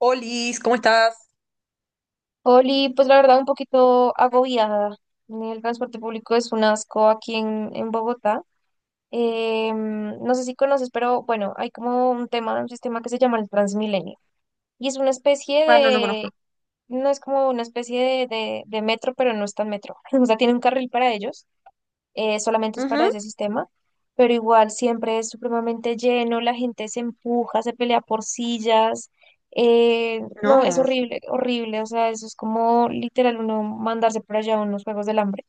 Olis, ¿cómo estás? Oli, pues la verdad un poquito agobiada. El transporte público es un asco aquí en Bogotá. No sé si conoces, pero bueno, hay como un tema, un sistema que se llama el Transmilenio. Y es una especie Ah, no, no conozco. de, no es como una especie de metro, pero no es tan metro. O sea, tiene un carril para ellos solamente es para Ujú, ese sistema, pero igual siempre es supremamente lleno, la gente se empuja, se pelea por sillas, no, es No. horrible, horrible, o sea, eso es como literal uno mandarse por allá a unos juegos del hambre.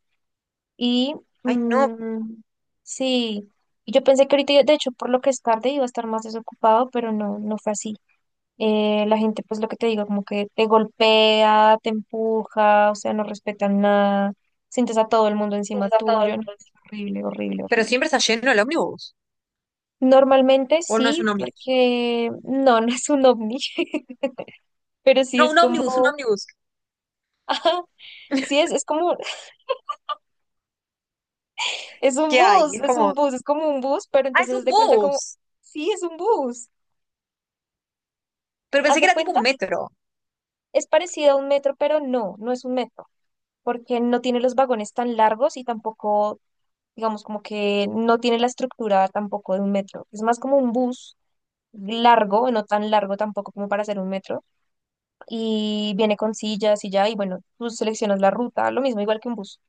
Y Ay, no. mm, sí, y yo pensé que ahorita, de hecho, por lo que es tarde iba a estar más desocupado, pero no, no fue así. La gente, pues lo que te digo, como que te golpea, te empuja, o sea, no respetan nada, sientes a todo el mundo encima tuyo, no, es horrible, horrible, Pero horrible. siempre está lleno el ómnibus. Normalmente ¿O no es sí, un ómnibus? porque no, no es un ovni, pero sí No, es un como, ómnibus, un ómnibus. ajá, sí es como, es un ¿Qué hay? bus, Es es un como. bus, es como un bus, pero Ah, es entonces un haz de cuenta como, bus. sí, es un bus, Pero haz pensé que de era tipo cuenta, un metro. es parecido a un metro, pero no, no es un metro, porque no tiene los vagones tan largos y tampoco digamos, como que no tiene la estructura tampoco de un metro. Es más como un bus largo, no tan largo tampoco como para hacer un metro, y viene con sillas y ya, y bueno, tú seleccionas la ruta, lo mismo, igual que un bus.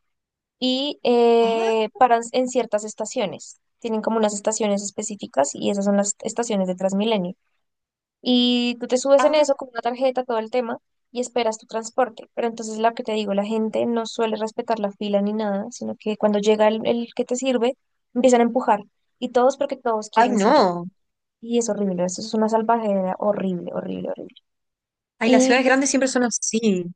Y Ah, paran en ciertas estaciones. Tienen como unas estaciones específicas y esas son las estaciones de Transmilenio. Y tú te subes en ah. eso con una tarjeta, todo el tema, y esperas tu transporte. Pero entonces lo que te digo, la gente no suele respetar la fila ni nada, sino que cuando llega el que te sirve, empiezan a empujar. Y todos porque todos Ay, quieren silla. no. Y es horrible, eso es una salvajera horrible, horrible, horrible. Ay, las Y ciudades pues, grandes siempre son así.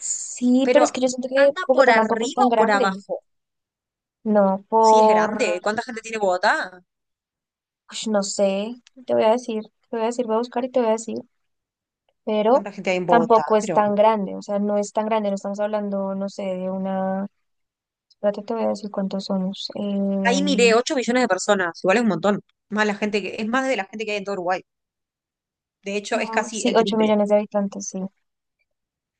sí, Pero, pero es que yo siento que ¿anda por Bogotá tampoco es arriba tan o por grande. abajo? No, Sí, es grande. por, ¿Cuánta gente tiene Bogotá? ush, no sé, te voy a decir, te voy a decir, voy a buscar y te voy a decir. Pero ¿Cuánta gente hay en Bogotá? tampoco es Pero tan grande, o sea, no es tan grande, no estamos hablando, no sé, de una, espérate, te voy a decir cuántos somos. ahí miré 8 millones de personas. Igual es un montón. Más la gente que, es más de la gente que hay en todo Uruguay. De hecho, es casi Sí, el 8 triple. millones de habitantes, sí,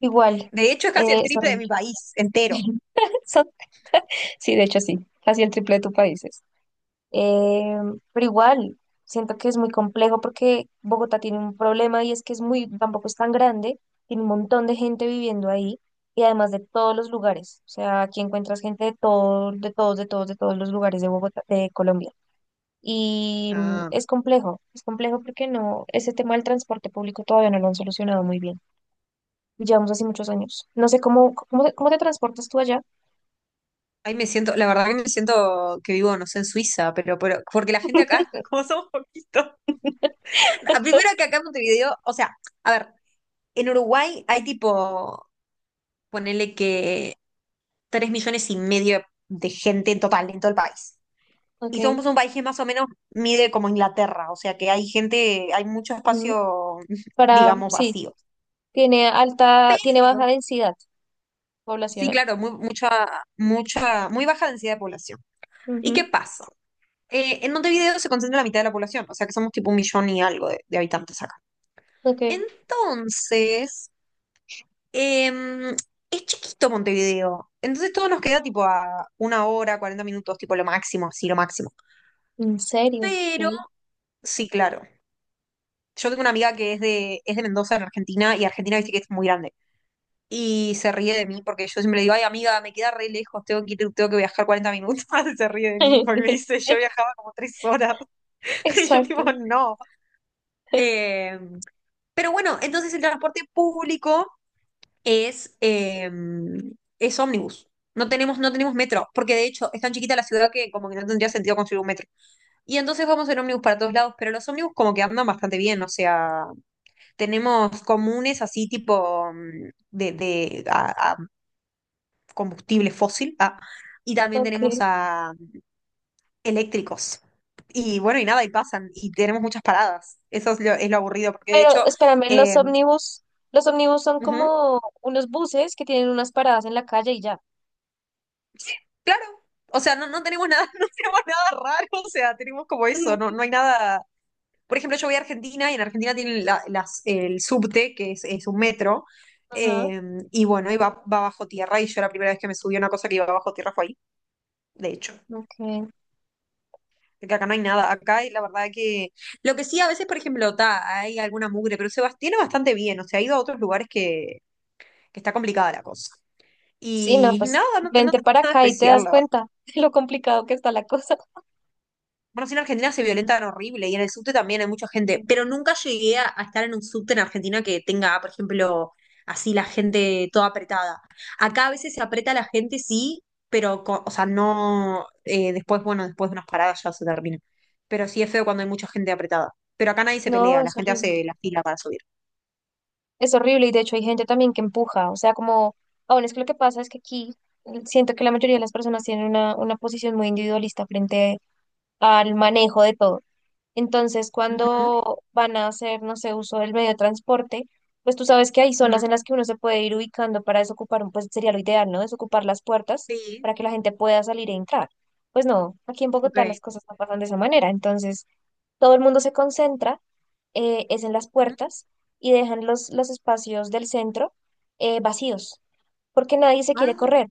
igual, De hecho, es casi el es triple de mi horrible. país entero. Son- sí, de hecho sí, casi el triple de tu país. Eh, pero igual, siento que es muy complejo porque Bogotá tiene un problema y es que tampoco es tan grande, tiene un montón de gente viviendo ahí y además de todos los lugares. O sea, aquí encuentras gente de todos los lugares de Bogotá, de Colombia. Y Ah, es complejo porque no, ese tema del transporte público todavía no lo han solucionado muy bien. Llevamos así muchos años. No sé cómo te transportas tú allá. Ahí me siento, la verdad que me siento que vivo, no sé, en Suiza, pero porque la gente acá, como somos poquitos. Ah, Primero que acá en Montevideo, o sea, a ver, en Uruguay hay tipo, ponele que 3,5 millones de gente en total, en todo el país. Y Ok. somos un país que más o menos mide como Inglaterra, o sea que hay gente, hay mucho Ujú. espacio, Para, digamos, sí. vacío. Tiene alta, tiene baja densidad Sí, poblacional. claro, muy baja densidad de población. ¿Y qué Ujú. pasa? En Montevideo se concentra la mitad de la población, o sea que somos tipo un millón y algo de habitantes acá. Ok. Entonces, em, es chiquito Montevideo, entonces todo nos queda tipo a una hora, 40 minutos, tipo lo máximo, así lo máximo. ¿En serio? Pero, Ok. sí, claro. Yo tengo una amiga que es de Mendoza, en Argentina, y Argentina dice que es muy grande. Y se ríe de mí porque yo siempre le digo, ay amiga, me queda re lejos, tengo que viajar 40 minutos. Y se ríe de mí porque me dice, yo viajaba como 3 horas. Y yo digo Exacto. no. Eh, pero bueno, entonces el transporte público es, eh, es ómnibus. No tenemos metro, porque de hecho es tan chiquita la ciudad que como que no tendría sentido construir un metro. Y entonces vamos en ómnibus para todos lados, pero los ómnibus como que andan bastante bien, o sea, tenemos comunes así tipo de a, combustible fósil, y también Ok. tenemos a eléctricos. Y bueno, y nada, y pasan, y tenemos muchas paradas. Eso es lo aburrido, porque de Pero hecho, espérame, los eh, ómnibus, los ómnibus son ujú, como unos buses que tienen unas paradas en la calle y ya. sí, claro, o sea, no, no tenemos nada, no tenemos nada raro, o sea, tenemos como eso, no, Ujú. no hay nada. Por ejemplo, yo voy a Argentina y en Argentina tienen el subte, que es un metro, Ajá. eh, y bueno, y va, va bajo tierra, y yo la primera vez que me subí a una cosa que iba bajo tierra fue ahí, de hecho. Ok. Porque acá no hay nada. Acá hay, la verdad que. Lo que sí, a veces, por ejemplo, ta, hay alguna mugre, pero tiene bastante bien. O sea, ha ido a otros lugares que está complicada la cosa. Sí, no, Y pues nada, no, no vente tengo para nada acá y te especial, das la verdad. cuenta de lo complicado que está la cosa. Bueno, sí, en Argentina se violentan horrible y en el subte también hay mucha gente, pero Ujú. nunca llegué a estar en un subte en Argentina que tenga, por ejemplo, así la gente toda apretada. Acá a veces se aprieta la gente, sí, pero, o sea, no, después, bueno, después de unas paradas ya se termina. Pero sí es feo cuando hay mucha gente apretada. Pero acá nadie se No, pelea, la es gente horrible. hace la fila para subir. Es horrible y de hecho hay gente también que empuja, o sea, como, aún es que lo que pasa es que aquí siento que la mayoría de las personas tienen una posición muy individualista frente al manejo de todo. Entonces, Ujú, cuando van a hacer, no sé, uso del medio de transporte, pues tú sabes que hay zonas ujú, en las que uno se puede ir ubicando para desocupar, pues sería lo ideal, ¿no? Desocupar las puertas Sí, para que la gente pueda salir e entrar. Pues no, aquí en Bogotá ok. las cosas no pasan de esa manera, entonces todo el mundo se concentra es en las Ujú. puertas y dejan los espacios del centro vacíos, porque nadie se quiere Ah, correr,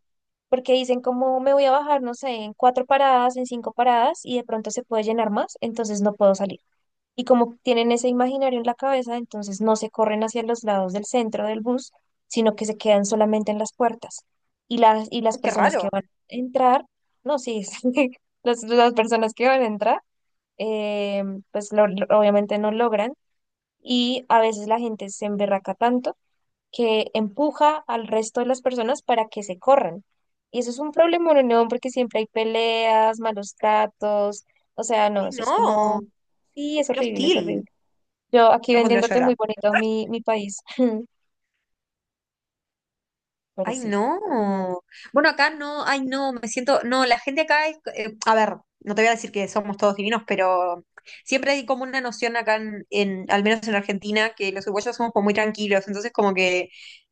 porque dicen como me voy a bajar, no sé, en cuatro paradas, en cinco paradas y de pronto se puede llenar más, entonces no puedo salir. Y como tienen ese imaginario en la cabeza, entonces no se corren hacia los lados del centro del bus, sino que se quedan solamente en las puertas. Y las ay, qué personas raro. que van a entrar, no, sí, las personas que van a entrar, eh, pues obviamente no logran y a veces la gente se emberraca tanto que empuja al resto de las personas para que se corran. Y eso es un problema en Unión porque siempre hay peleas, malos tratos, o sea, no, Ay, eso es no, como, sí, es qué horrible, es horrible. hostil. Yo aquí Yo me pondría a vendiéndote llorar. muy bonito mi país, pero Ay, sí. no. Bueno, acá no, ay, no, me siento, no, la gente acá es, a ver, no te voy a decir que somos todos divinos, pero siempre hay como una noción acá en al menos en Argentina, que los uruguayos somos como muy tranquilos, entonces como que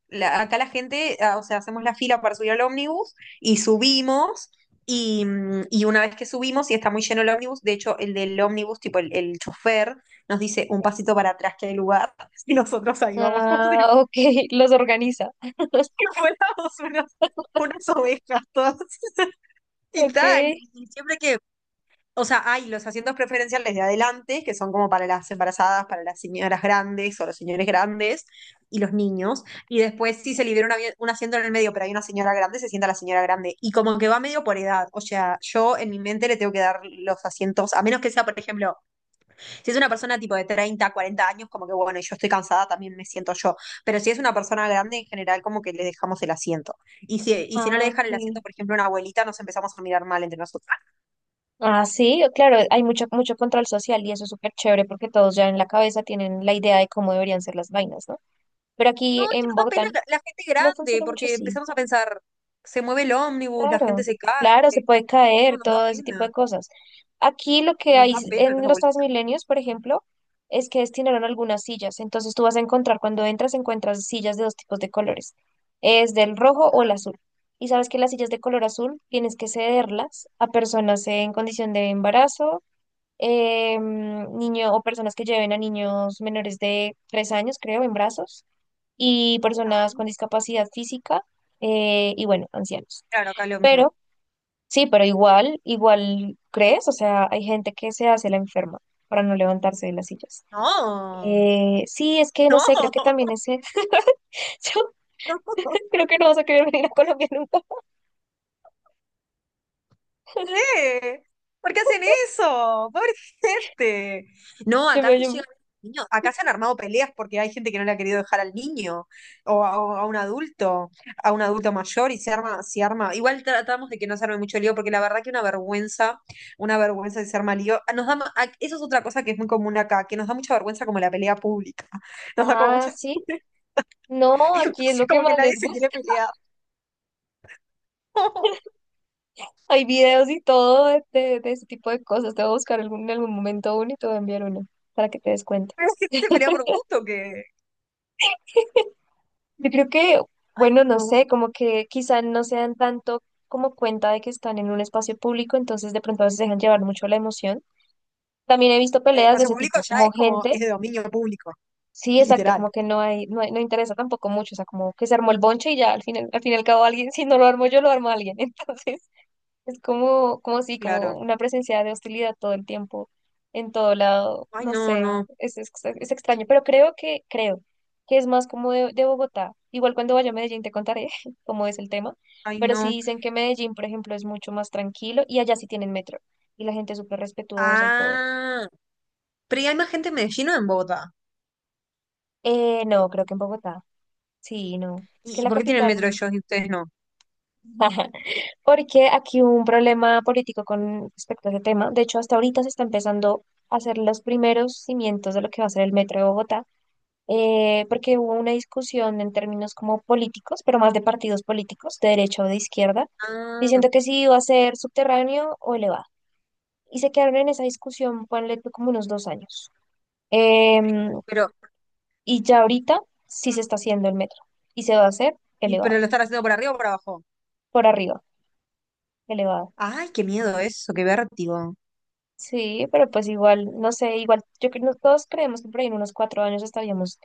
acá la gente, ah, o sea, hacemos la fila para subir al ómnibus y subimos. Y una vez que subimos y está muy lleno el ómnibus, de hecho el del ómnibus, tipo el chofer, nos dice un pasito para atrás que hay lugar y nosotros ahí vamos Ah, ok, los organiza. que fuéramos unos- unas ovejas todas. Y Ok. tal, y siempre que, o sea, hay los asientos preferenciales de adelante, que son como para las embarazadas, para las señoras grandes o los señores grandes y los niños. Y después si se libera un asiento en el medio, pero hay una señora grande, se sienta la señora grande. Y como que va medio por edad. O sea, yo en mi mente le tengo que dar los asientos, a menos que sea, por ejemplo, si es una persona tipo de 30, 40 años, como que bueno, y yo estoy cansada, también me siento yo. Pero si es una persona grande, en general, como que le dejamos el asiento. Y si no le Ah, dejan el ok. asiento, por ejemplo, a una abuelita, nos empezamos a mirar mal entre nosotros. Ah, Ah, sí, claro, hay mucho, mucho control social y eso es súper chévere porque todos ya en la cabeza tienen la idea de cómo deberían ser las vainas, ¿no? Pero no, aquí es que en nos da Bogotá pena la gente no grande, funciona mucho porque así. empezamos a pensar, se mueve el ómnibus, la gente Claro, se cae. claro, se puede No, caer, nos da todo ese tipo pena, de cosas. Aquí lo que nos hay da pena los en los abuelitos. Transmilenios, por ejemplo, es que destinaron algunas sillas. Entonces tú vas a encontrar, cuando entras, encuentras sillas de dos tipos de colores. Es del rojo o el azul. Y sabes que las sillas de color azul tienes que cederlas a personas en condición de embarazo, niño o personas que lleven a niños menores de 3 años, creo, en brazos y Ah, personas con discapacidad física y bueno, ancianos. Claro, acá es lo mismo. Pero sí, pero igual, crees, o sea, hay gente que se hace la enferma para no levantarse de las sillas. No, Sí, es que no no, sé, creo que también ese, yo no. creo que no vas a querer venir a Colombia nunca. Qué? ¿Por qué hacen eso? Pobre gente. No, Yo acá me, sí yo me- llegan niños, acá se han armado peleas porque hay gente que no le ha querido dejar al niño o a un adulto mayor y se arma, se arma. Igual tratamos de que no se arme mucho lío porque la verdad que una vergüenza de se arma lío. Ah, Nos da, ma- a- eso es otra cosa que es muy común acá, que nos da mucha vergüenza como la pelea pública. Nos da como Ah, mucha sí. No, entonces, aquí es lo que como que más les nadie se quiere gusta. pelear. Hay videos y todo de ese tipo de cosas. Te voy a buscar en algún momento uno y te voy a enviar uno para que te des cuenta. Pero es que se pelea por gusto que... Yo creo que, Ay, bueno, no no. sé, como que quizá no se dan tanto como cuenta de que están en un espacio público, entonces de pronto a veces se dejan llevar mucho la emoción. También he visto El peleas de espacio ese público tipo, ya como es como, es gente, de dominio público, sí, exacto, literal. como que no hay, no interesa tampoco mucho, o sea, como que se armó el bonche y ya al final, al fin y al cabo alguien, si no lo armo yo, lo armo alguien. Entonces, es como, como si, como Claro. una presencia de hostilidad todo el tiempo, en todo lado, Ay, no no, sé, no. es, es extraño, pero creo que es más como de Bogotá. Igual cuando vaya a Medellín te contaré cómo es el tema, Ay, pero sí no. dicen que Medellín, por ejemplo, es mucho más tranquilo y allá sí tienen metro y la gente es súper respetuosa y todo. Ah, pero ¿y hay más gente en Medellín o en Bogotá? No, creo que en Bogotá, sí, no, es que ¿Y la por qué tienen metro capital. ellos y ustedes no? Ajá. Porque aquí hubo un problema político con respecto a ese tema. De hecho, hasta ahorita se está empezando a hacer los primeros cimientos de lo que va a ser el metro de Bogotá, porque hubo una discusión en términos como políticos, pero más de partidos políticos, de derecha o de izquierda, Ah, diciendo que si iba a ser subterráneo o elevado. Y se quedaron en esa discusión, ponle tú como unos 2 años. y Em, pero- y ya ahorita sí se está haciendo el metro y se va a hacer pero elevado, lo están haciendo por arriba o por abajo. por arriba, elevado. Ay, qué miedo eso, qué vértigo. Sí, pero pues igual, no sé, igual, yo creo que todos creemos que por ahí en unos 4 años estaríamos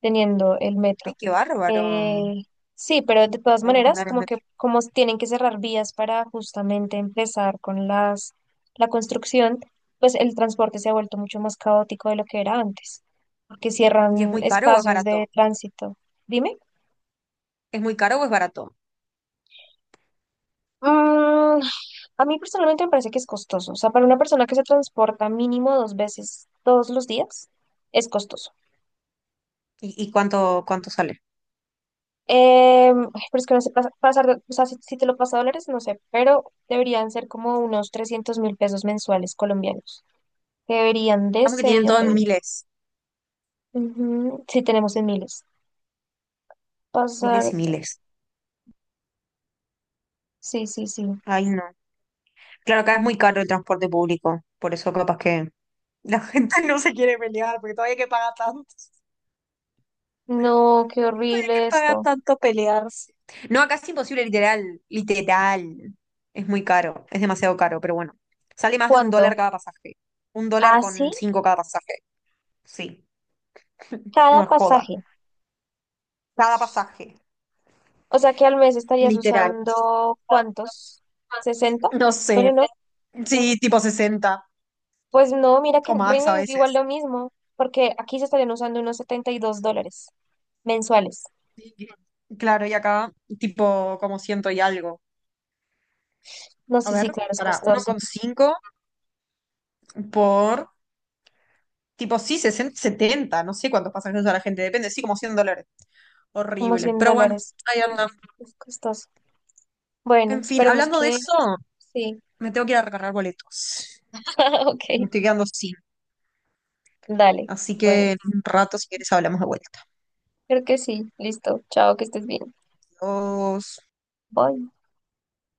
teniendo el Ay, metro. qué bárbaro. Eh, sí, pero de todas Ahí vas a maneras, andar en como que metro. como tienen que cerrar vías para justamente empezar con las la construcción, pues el transporte se ha vuelto mucho más caótico de lo que era antes, porque ¿Y es cierran muy caro o es espacios barato? de tránsito. Dime. ¿Es muy caro o es barato? Mm, a mí personalmente me parece que es costoso. O sea, para una persona que se transporta mínimo dos veces todos los días, es costoso. ¿Y cuánto sale? Ay, pero es que no sé pasar, o sea, si, te lo pasa a dólares, no sé, pero deberían ser como unos 300.000 pesos mensuales colombianos. Deberían de Vamos que ser, tienen ya todo te en digo. miles, Ujú. Sí, tenemos en miles. Pasar, miles y miles. sí, sí, sí. Ay, no. Claro, acá es muy caro el transporte público, por eso capaz que la gente no se quiere pelear, porque todavía No, qué que horrible paga esto. tanto pelearse. No, acá es imposible, literal, literal. Es muy caro, es demasiado caro, pero bueno, sale más de $1 ¿Cuánto? cada pasaje. Un dólar Así con cinco cada pasaje. Sí, cada no es joda. pasaje. Cada pasaje, O sea que al mes estarías literal. usando ¿cuántos? 60. No Bueno, sé, no. sí, tipo 60 Pues no, mira que o en más Reino a es igual veces. lo mismo, porque aquí se estarían usando unos 72 dólares mensuales. Sí. Claro, y acá tipo como ciento y algo. No, A sí, ver, sí, claro, es para uno costoso. coma cinco por, tipo, sí, 60 70 no sé cuántos pasajeros a la gente, depende, sí, como $100. Como Horrible. 100 Pero bueno, dólares. ahí anda. Es costoso. Bueno, En fin, esperemos hablando de que eso, sí. me tengo que ir a recargar boletos. Me Ok, estoy quedando sin. dale. Así Bueno, que en un rato, si quieres, hablamos de vuelta. creo que sí. Listo. Chao, que estés bien. Adiós. Bye.